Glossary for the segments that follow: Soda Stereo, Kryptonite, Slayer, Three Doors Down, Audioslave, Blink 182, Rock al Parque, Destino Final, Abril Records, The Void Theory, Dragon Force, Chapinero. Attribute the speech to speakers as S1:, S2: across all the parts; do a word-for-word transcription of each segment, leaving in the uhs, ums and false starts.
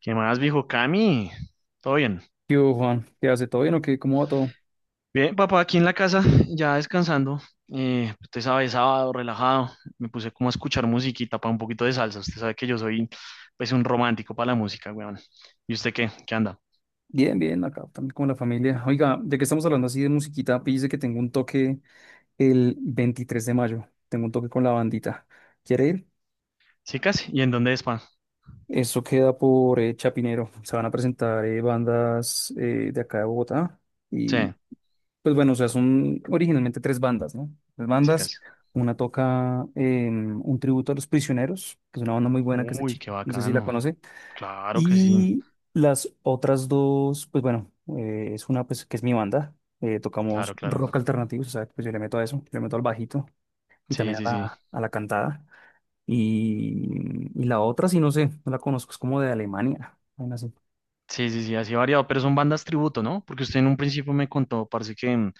S1: ¿Qué más, viejo Cami? ¿Todo bien?
S2: ¿Qué hubo, Juan? ¿Qué hace? ¿Todo bien o qué? ¿Cómo va todo?
S1: Bien, papá, aquí en la casa, ya descansando. Eh, usted sabe, sábado, relajado. Me puse como a escuchar musiquita para un poquito de salsa. Usted sabe que yo soy, pues, un romántico para la música, weón. ¿Y usted qué? ¿Qué anda?
S2: Bien, bien, acá también con la familia. Oiga, ya que estamos hablando así de musiquita, pille que tengo un toque el veintitrés de mayo. Tengo un toque con la bandita. ¿Quiere ir?
S1: ¿Chicas? ¿Y en dónde es, pa?
S2: Eso queda por eh, Chapinero. Se van a presentar eh, bandas eh, de acá de Bogotá.
S1: Sí,
S2: Y pues bueno, o sea, son originalmente tres bandas, ¿no? Tres bandas.
S1: chicas.
S2: Una toca em, un tributo a Los Prisioneros, que es una banda muy buena que es el
S1: Uy,
S2: chico.
S1: qué
S2: No sé si la
S1: bacano.
S2: conoce.
S1: Claro que sí.
S2: Y las otras dos, pues bueno, eh, es una pues que es mi banda, eh, tocamos
S1: Claro, claro.
S2: rock alternativo, o sea, pues yo le meto a eso, yo le meto al bajito y
S1: Sí,
S2: también
S1: sí,
S2: a la,
S1: sí.
S2: a la cantada. Y, y la otra, sí, no sé, no la conozco, es como de Alemania, vaina así.
S1: Sí, sí, sí, así variado. Pero son bandas tributo, ¿no? Porque usted en un principio me contó, parece que, mm,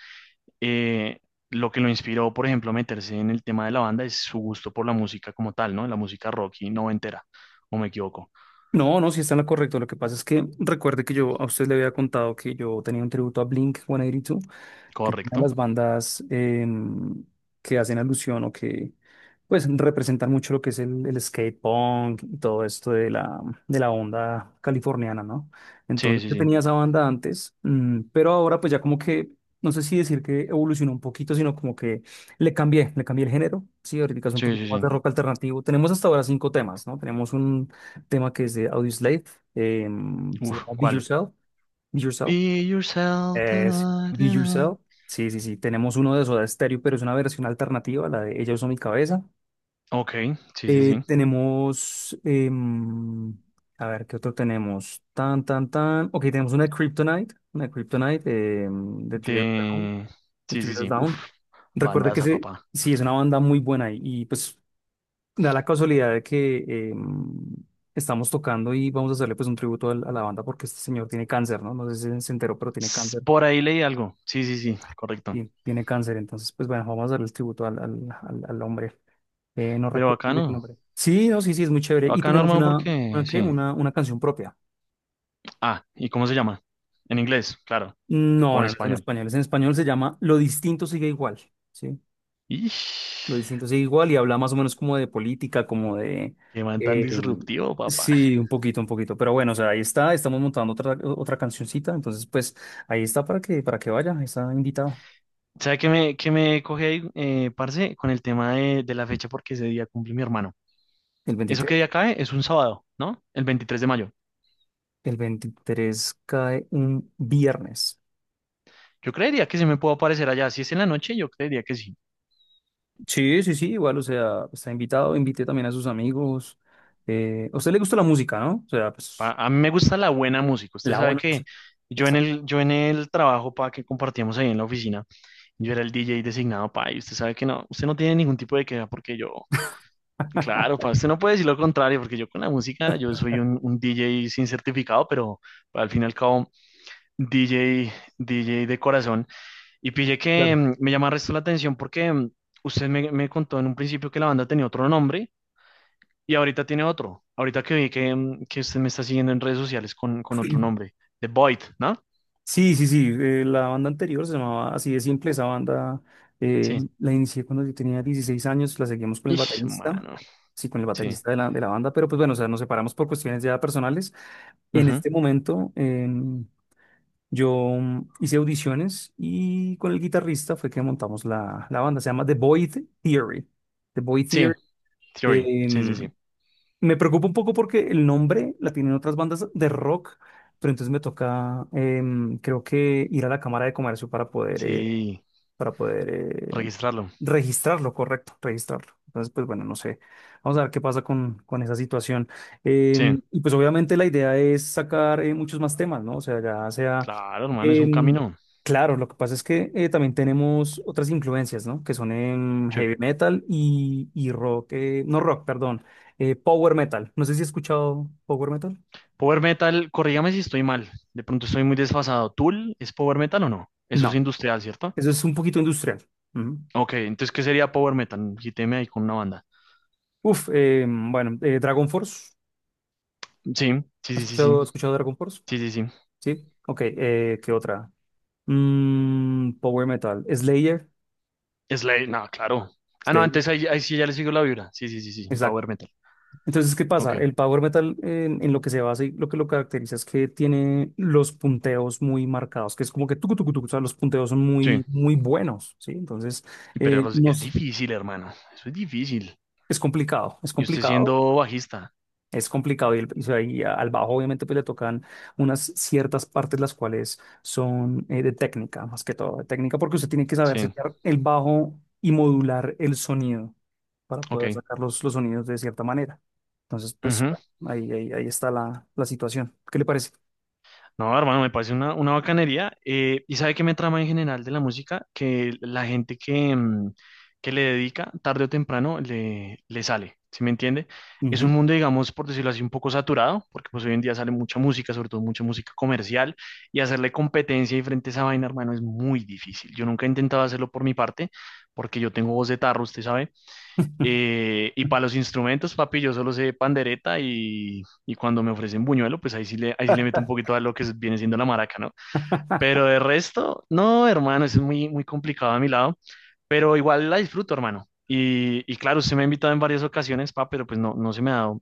S1: eh, lo que lo inspiró, por ejemplo, a meterse en el tema de la banda es su gusto por la música como tal, ¿no? La música rock y noventera, o me equivoco.
S2: No, no, sí está en la correcta. Lo que pasa es que recuerde que yo a usted le había contado que yo tenía un tributo a Blink ciento ochenta y dos que tienen
S1: Correcto.
S2: las bandas, em, que hacen alusión o que pues representan mucho lo que es el, el skate punk y todo esto de la, de la onda californiana, ¿no?
S1: Sí,
S2: Entonces
S1: sí,
S2: yo
S1: sí.
S2: tenía esa banda antes, mm, pero ahora pues ya como que, no sé si decir que evolucionó un poquito, sino como que le cambié, le cambié el género, sí, ahorita es un
S1: Sí, sí,
S2: poquito más de
S1: sí.
S2: rock alternativo. Tenemos hasta ahora cinco temas, ¿no? Tenemos un tema que es de Audioslave, em, se
S1: Uf,
S2: llama Be
S1: ¿cuál?
S2: Yourself, Be Yourself.
S1: Be yourself. Ta,
S2: Es
S1: na,
S2: Be
S1: ta, na.
S2: Yourself. Sí, sí, sí. Tenemos uno de Soda Stereo, pero es una versión alternativa, la de Ella Usó Mi Cabeza.
S1: Ok, sí, sí,
S2: Eh,
S1: sí.
S2: tenemos, em, a ver, ¿qué otro tenemos? Tan, tan, tan. Ok, tenemos una de Kryptonite. Una de Kryptonite, em, de Three Doors Down.
S1: De.
S2: De
S1: Sí,
S2: Three
S1: sí,
S2: Doors
S1: sí. Uf,
S2: Down. Recuerda que
S1: bandaza,
S2: se,
S1: papá.
S2: sí, es una banda muy buena y, y, pues da la casualidad de que, em, estamos tocando y vamos a hacerle pues un tributo al- a, la banda porque este señor tiene cáncer, ¿no? No sé si se enteró, pero tiene
S1: S-
S2: cáncer.
S1: Por ahí leí algo. Sí, sí, sí, correcto.
S2: Ti- tiene cáncer. Entonces, pues bueno, vamos a darle el tributo al, al, al- al hombre. Eh, no
S1: Pero
S2: recuerdo
S1: acá
S2: el
S1: no.
S2: nombre. Sí, no, sí, sí, es muy chévere. Y
S1: Acá no,
S2: tenemos
S1: hermano,
S2: una,
S1: porque
S2: una, ¿qué?
S1: sí.
S2: Una, una canción propia.
S1: Ah, ¿y cómo se llama? En inglés, claro. O
S2: No,
S1: en
S2: no, no es en
S1: español.
S2: español. Es en español, se llama Lo distinto sigue igual, ¿sí? Lo
S1: Ish,
S2: distinto sigue igual y habla más o menos como de política, como de
S1: qué man tan
S2: eh,
S1: disruptivo, papá.
S2: sí, un poquito, un poquito. Pero bueno, o sea, ahí está. Estamos montando otra, otra cancioncita. Entonces, pues ahí está para que, para que vaya. Ahí está invitado
S1: ¿Sabe qué me, qué me coge ahí, eh, parce, con el tema de, de la fecha? Porque ese día cumple mi hermano.
S2: el
S1: ¿Eso qué
S2: veintitrés.
S1: día cae? Es un sábado, ¿no? El veintitrés de mayo.
S2: El veintitrés cae un viernes.
S1: Yo creería que se me puedo aparecer allá. Si es en la noche, yo creería que sí.
S2: Sí, sí, sí, igual, o sea, está invitado, invité también a sus amigos. Eh, a usted le gusta la música, ¿no? O sea,
S1: Pa-
S2: pues,
S1: A mí me gusta la buena música. Usted
S2: la
S1: sabe
S2: buena
S1: que
S2: música.
S1: yo en
S2: Exacto.
S1: el, yo en el trabajo, pa, que compartíamos ahí en la oficina, yo era el D J designado, pa, y usted sabe que no, usted no tiene ningún tipo de queja porque yo. Claro, para usted no puede decir lo contrario, porque yo con la música, yo soy un, un D J sin certificado, pero al fin y al cabo, D J, D J de corazón. Y pille que
S2: Claro.
S1: mm, me llama el resto la atención porque mm, usted me, me contó en un principio que la banda tenía otro nombre y ahorita tiene otro. Ahorita que vi que, mm, que usted me está siguiendo en redes sociales con, con otro nombre, The Void, ¿no?
S2: Sí, sí, sí, eh, la banda anterior se llamaba así de simple, esa banda, eh,
S1: Sí.
S2: la inicié cuando yo tenía dieciséis años, la seguimos con el
S1: Ish,
S2: baterista,
S1: mano.
S2: sí, con el
S1: Sí.
S2: baterista de la, de la banda, pero pues bueno, o sea, nos separamos por cuestiones ya personales. En
S1: Ujú.
S2: este momento, em, yo, mm, hice audiciones y con el guitarrista fue que montamos la, la banda. Se llama The Void Theory. The Void Theory.
S1: Sí, Theory. Sí, sí,
S2: Em,
S1: sí.
S2: me preocupa un poco porque el nombre la tienen otras bandas de rock, pero entonces me toca, em, creo que ir a la Cámara de Comercio para poder, eh,
S1: Sí,
S2: para poder eh,
S1: registrarlo.
S2: registrarlo, correcto, registrarlo. Entonces, pues bueno, no sé. Vamos a ver qué pasa con, con esa situación.
S1: Sí,
S2: Em, y pues obviamente la idea es sacar eh, muchos más temas, ¿no? O sea, ya sea,
S1: claro, hermano, es un
S2: em,
S1: camino.
S2: claro, lo que pasa es que, eh, también tenemos otras influencias, ¿no? Que son en
S1: Sí.
S2: heavy metal y, y rock, eh, no rock, perdón, eh, power metal. No sé si has escuchado power metal.
S1: Power Metal, corrígame si estoy mal, de pronto estoy muy desfasado. ¿Tool es Power Metal o no? Eso es
S2: No,
S1: industrial, ¿cierto?
S2: eso es un poquito industrial. Ujú.
S1: Ok, entonces, ¿qué sería Power Metal? Quíteme ahí con una banda.
S2: Uf, em, bueno, eh, Dragon Force.
S1: Sí,
S2: ¿Has
S1: sí, sí, sí, sí,
S2: escuchado, has escuchado Dragon Force?
S1: sí, sí, sí.
S2: Sí, ok, eh, ¿qué otra? Mm, power metal, Slayer,
S1: Slade, no, claro. Ah, no,
S2: Slayer,
S1: antes ahí, ahí sí ya le sigo la vibra. Sí, sí, sí, sí,
S2: exacto.
S1: Power Metal.
S2: Entonces, ¿qué pasa?
S1: Ok,
S2: El power metal, eh, en, en lo que se basa y lo que lo caracteriza es que tiene los punteos muy marcados, que es como que tucu, tucu, tucu, o sea, los punteos son
S1: sí.
S2: muy, muy buenos, ¿sí? Entonces,
S1: Y
S2: eh,
S1: pero es es
S2: nos,
S1: difícil, hermano, eso es difícil.
S2: es complicado, es
S1: Y usted
S2: complicado.
S1: siendo bajista,
S2: Es complicado y, el- y se- y al bajo obviamente pues le tocan unas ciertas partes las cuales son, eh, de técnica, más que todo de técnica, porque usted tiene que saber
S1: sí,
S2: setear el bajo y modular el sonido para poder
S1: ok.
S2: sacar los, los sonidos de cierta manera. Entonces, pues
S1: Ujú.
S2: bueno, ahí, ahí, ahí está la, la situación. ¿Qué le parece?
S1: No, hermano, me parece una, una bacanería. Eh, y sabe qué me trama en general de la música, que la gente que, mm, que le dedica, tarde o temprano, le, le sale, ¿sí me entiende? Es un
S2: Ujú.
S1: mundo, digamos, por decirlo así, un poco saturado, porque pues hoy en día sale mucha música, sobre todo mucha música comercial, y hacerle competencia y frente a esa vaina, hermano, es muy difícil. Yo nunca he intentado hacerlo por mi parte, porque yo tengo voz de tarro, usted sabe, eh, y para los instrumentos, papi, yo solo sé pandereta y, y cuando me ofrecen buñuelo, pues ahí sí le, ahí sí le meto un poquito a lo que es- viene siendo la maraca, ¿no? Pero de resto, no, hermano, eso es muy, muy complicado a mi lado, pero igual la disfruto, hermano. Y, y claro, usted me ha invitado en varias ocasiones, pa, pero pues no, no se me ha dado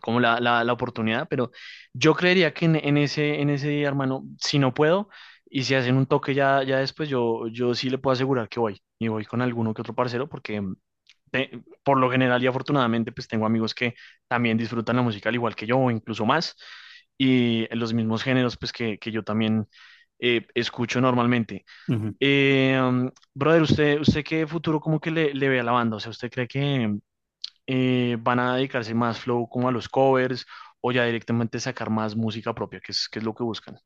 S1: como la, la, la oportunidad, pero yo creería que en, en ese, en ese día, hermano, si no puedo y si hacen un toque ya, ya después, yo, yo sí le puedo asegurar que voy y voy con alguno que otro parcero porque mm, te- por lo general y afortunadamente pues tengo amigos que también disfrutan la música al igual que yo o incluso más y los mismos géneros pues que, que yo también eh, escucho normalmente.
S2: Ujú.
S1: Eh, um, brother, ¿usted, usted qué futuro como que le, le ve a la banda? O sea, ¿usted cree que, eh, van a dedicarse más flow como a los covers o ya directamente sacar más música propia, que es, que es lo que buscan.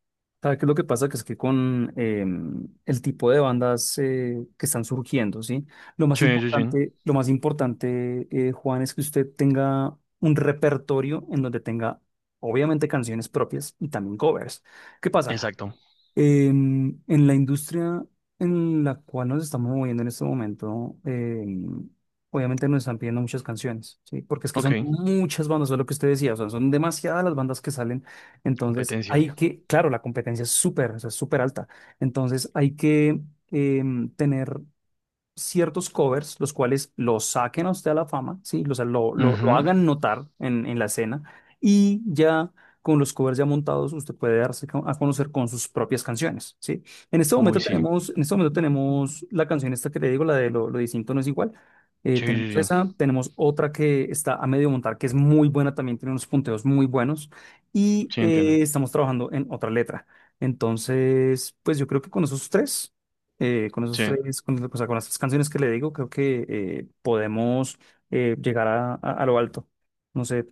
S2: ¿Sabes qué es lo que pasa? Que es que con, em, el tipo de bandas, eh, que están surgiendo, ¿sí? Lo más
S1: Sí, sí, sí.
S2: importante, lo más importante, eh, Juan, es que usted tenga un repertorio en donde tenga, obviamente, canciones propias y también covers. ¿Qué pasa?
S1: Exacto.
S2: En, en la industria en la cual nos estamos moviendo en este momento, em, obviamente nos están pidiendo muchas canciones, ¿sí? Porque es que
S1: Ok,
S2: son muchas bandas, es lo que usted decía, o sea, son demasiadas las bandas que salen. Entonces,
S1: competencia.
S2: hay que, claro, la competencia es súper, o sea, es súper alta. Entonces, hay que, em, tener ciertos covers, los cuales los saquen a usted a la fama, ¿sí? O sea, lo, lo, lo
S1: Ujú.
S2: hagan notar en, en la escena, y ya con los covers ya montados usted puede darse co- a conocer con sus propias canciones, ¿sí? En este
S1: Uy,
S2: momento
S1: sí.
S2: tenemos, en este momento tenemos la canción esta que le digo, la de Lo, lo distinto no es igual. Eh,
S1: Sí, sí,
S2: tenemos
S1: sí.
S2: esa, tenemos otra que está a medio montar, que es muy buena también, tiene unos punteos muy buenos y,
S1: Sí, entiendo.
S2: eh, estamos trabajando en otra letra. Entonces, pues yo creo que con esos tres eh, con esos
S1: Sí.
S2: tres, con, o sea, con las tres canciones que le digo, creo que, eh, podemos, eh, llegar a, a- a lo alto. No sé,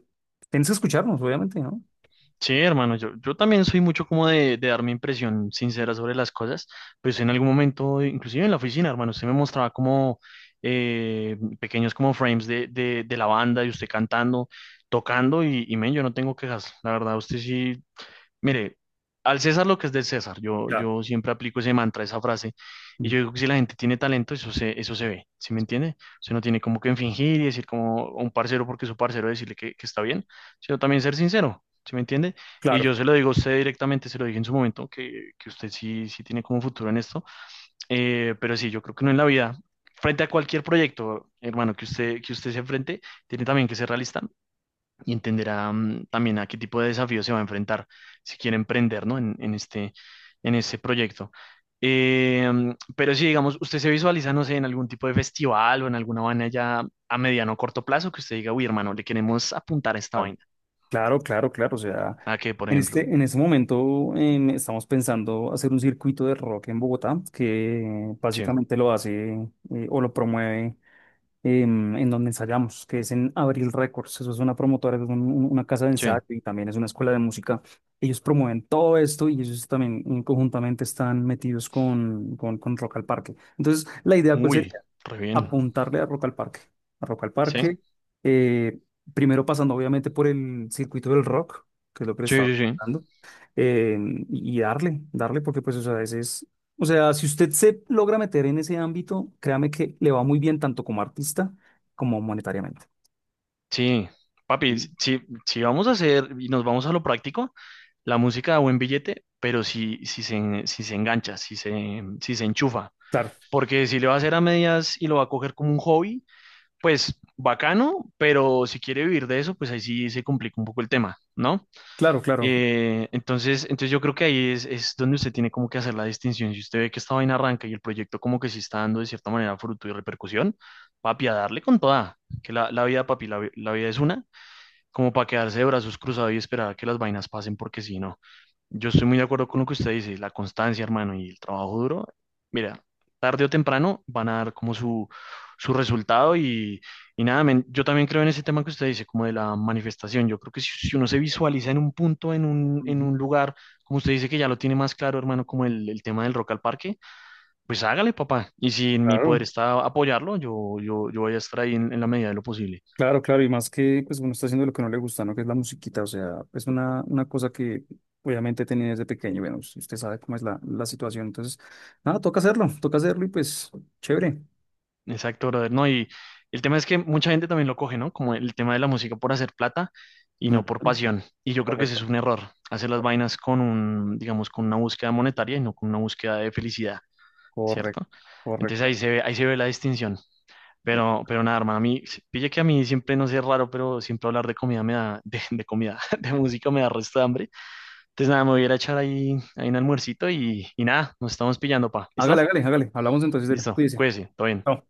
S2: tienes que escucharnos, obviamente, ¿no?
S1: Sí, hermano, yo, yo también soy mucho como de, de dar mi impresión sincera sobre las cosas, pues en algún momento, inclusive en la oficina, hermano, usted me mostraba como eh, pequeños como frames de, de, de la banda y usted cantando, tocando y, y men, yo no tengo quejas, la verdad, usted sí. Mire, al César lo que es del César. Yo,
S2: Claro,
S1: yo siempre aplico ese mantra, esa frase. Y
S2: mm,
S1: yo digo que si la gente tiene talento, eso se, eso se ve. ¿Sí me entiende? Usted no tiene como que fingir y decir como a un parcero porque su parcero decirle que, que está bien, sino también ser sincero. ¿Sí me entiende? Y
S2: claro,
S1: yo se lo digo a usted directamente, se lo dije en su momento, que, que usted sí, sí tiene como futuro en esto. Eh, pero sí, yo creo que no en la vida. Frente a cualquier proyecto, hermano, que usted, que usted se enfrente, tiene también que ser realista y entenderá mm, también a qué tipo de desafíos se va a enfrentar si quiere emprender, ¿no? En, en este, en este proyecto. Eh, mm, pero si, digamos, usted se visualiza, no sé, en algún tipo de festival o en alguna vaina ya a mediano o corto plazo que usted diga, uy, hermano, le queremos apuntar a esta
S2: claro,
S1: vaina.
S2: claro, claro, claro. O sea,
S1: ¿A qué, por
S2: en
S1: ejemplo?
S2: este, en este momento, em, estamos pensando hacer un circuito de rock en Bogotá que, eh,
S1: Sí,
S2: básicamente lo hace, eh, o lo promueve. em, en donde ensayamos, que es en Abril Records. Eso es una promotora, es un- un- una casa de
S1: sí.
S2: ensayo y también es una escuela de música. Ellos promueven todo esto y ellos también, mm, conjuntamente están metidos con, con, con Rock al Parque. Entonces, la idea, ¿cuál
S1: Uy,
S2: sería?
S1: re bien.
S2: Apuntarle a Rock al Parque. A Rock al
S1: ¿Sí?
S2: Parque, eh, primero pasando obviamente por el circuito del rock, que es lo que le
S1: Sí,
S2: estaba
S1: sí, sí.
S2: hablando, eh, y darle, darle, porque pues, o sea, ese es, o sea, si usted se logra meter en ese ámbito, créame que le va muy bien tanto como artista como monetariamente.
S1: Sí. Papi,
S2: Mm,
S1: si, si si vamos a hacer y nos vamos a lo práctico, la música da buen billete, pero si, si se, si se engancha, si se, si se enchufa,
S2: claro,
S1: porque si le va a hacer a medias y lo va a coger como un hobby, pues bacano, pero si quiere vivir de eso, pues ahí sí se complica un poco el tema, ¿no?
S2: claro, claro.
S1: Eh, entonces, entonces yo creo que ahí es, es donde usted tiene como que hacer la distinción. Si usted ve que esta vaina arranca y el proyecto como que sí está dando de cierta manera fruto y repercusión, papi, a darle con toda, que la, la vida, papi, la, vi- la vida es una como para quedarse de brazos cruzados y esperar a que las vainas pasen, porque si no, yo estoy muy de acuerdo con lo que usted dice, la constancia, hermano, y el trabajo duro, mira, tarde o temprano van a dar como su, su resultado y, y nada, men, yo también creo en ese tema que usted dice, como de la manifestación, yo creo que si, si uno se visualiza en un punto, en un, en
S2: Ujú.
S1: un lugar, como usted dice que ya lo tiene más claro, hermano, como el, el tema del rock al parque, pues hágale, papá, y si en mi poder
S2: Claro.
S1: está apoyarlo, yo, yo, yo voy a estar ahí en en la medida de lo posible.
S2: Claro, claro, y más que pues uno está haciendo lo que no le gusta, ¿no? Que es la musiquita, o sea, es una, una cosa que obviamente tenía desde pequeño, y bueno, si usted sabe cómo es la, la situación, entonces, nada, toca hacerlo, toca hacerlo y pues, chévere.
S1: Exacto, brother, ¿no? Y el tema es que mucha gente también lo coge, ¿no? Como el tema de la música por hacer plata y no
S2: Ujú.
S1: por pasión. Y yo creo que ese
S2: Correcto,
S1: es un error, hacer las vainas con un, digamos, con una búsqueda monetaria y no con una búsqueda de felicidad,
S2: correcto,
S1: ¿cierto? Entonces ahí
S2: correcto.
S1: se ve, ahí se ve la distinción.
S2: Eh,
S1: Pero, pero nada, hermano, a mí, pille que a mí siempre, no sé, es raro, pero siempre hablar de comida me da, de, de comida, de música me da resto de hambre. Entonces nada, me voy a ir a echar ahí, ahí un almuercito y, y nada, nos estamos pillando, pa.
S2: Hágale,
S1: ¿Listo?
S2: hágale, hágale, hablamos entonces de él,
S1: Listo,
S2: cuídese.
S1: cuídese, todo bien.
S2: Chao.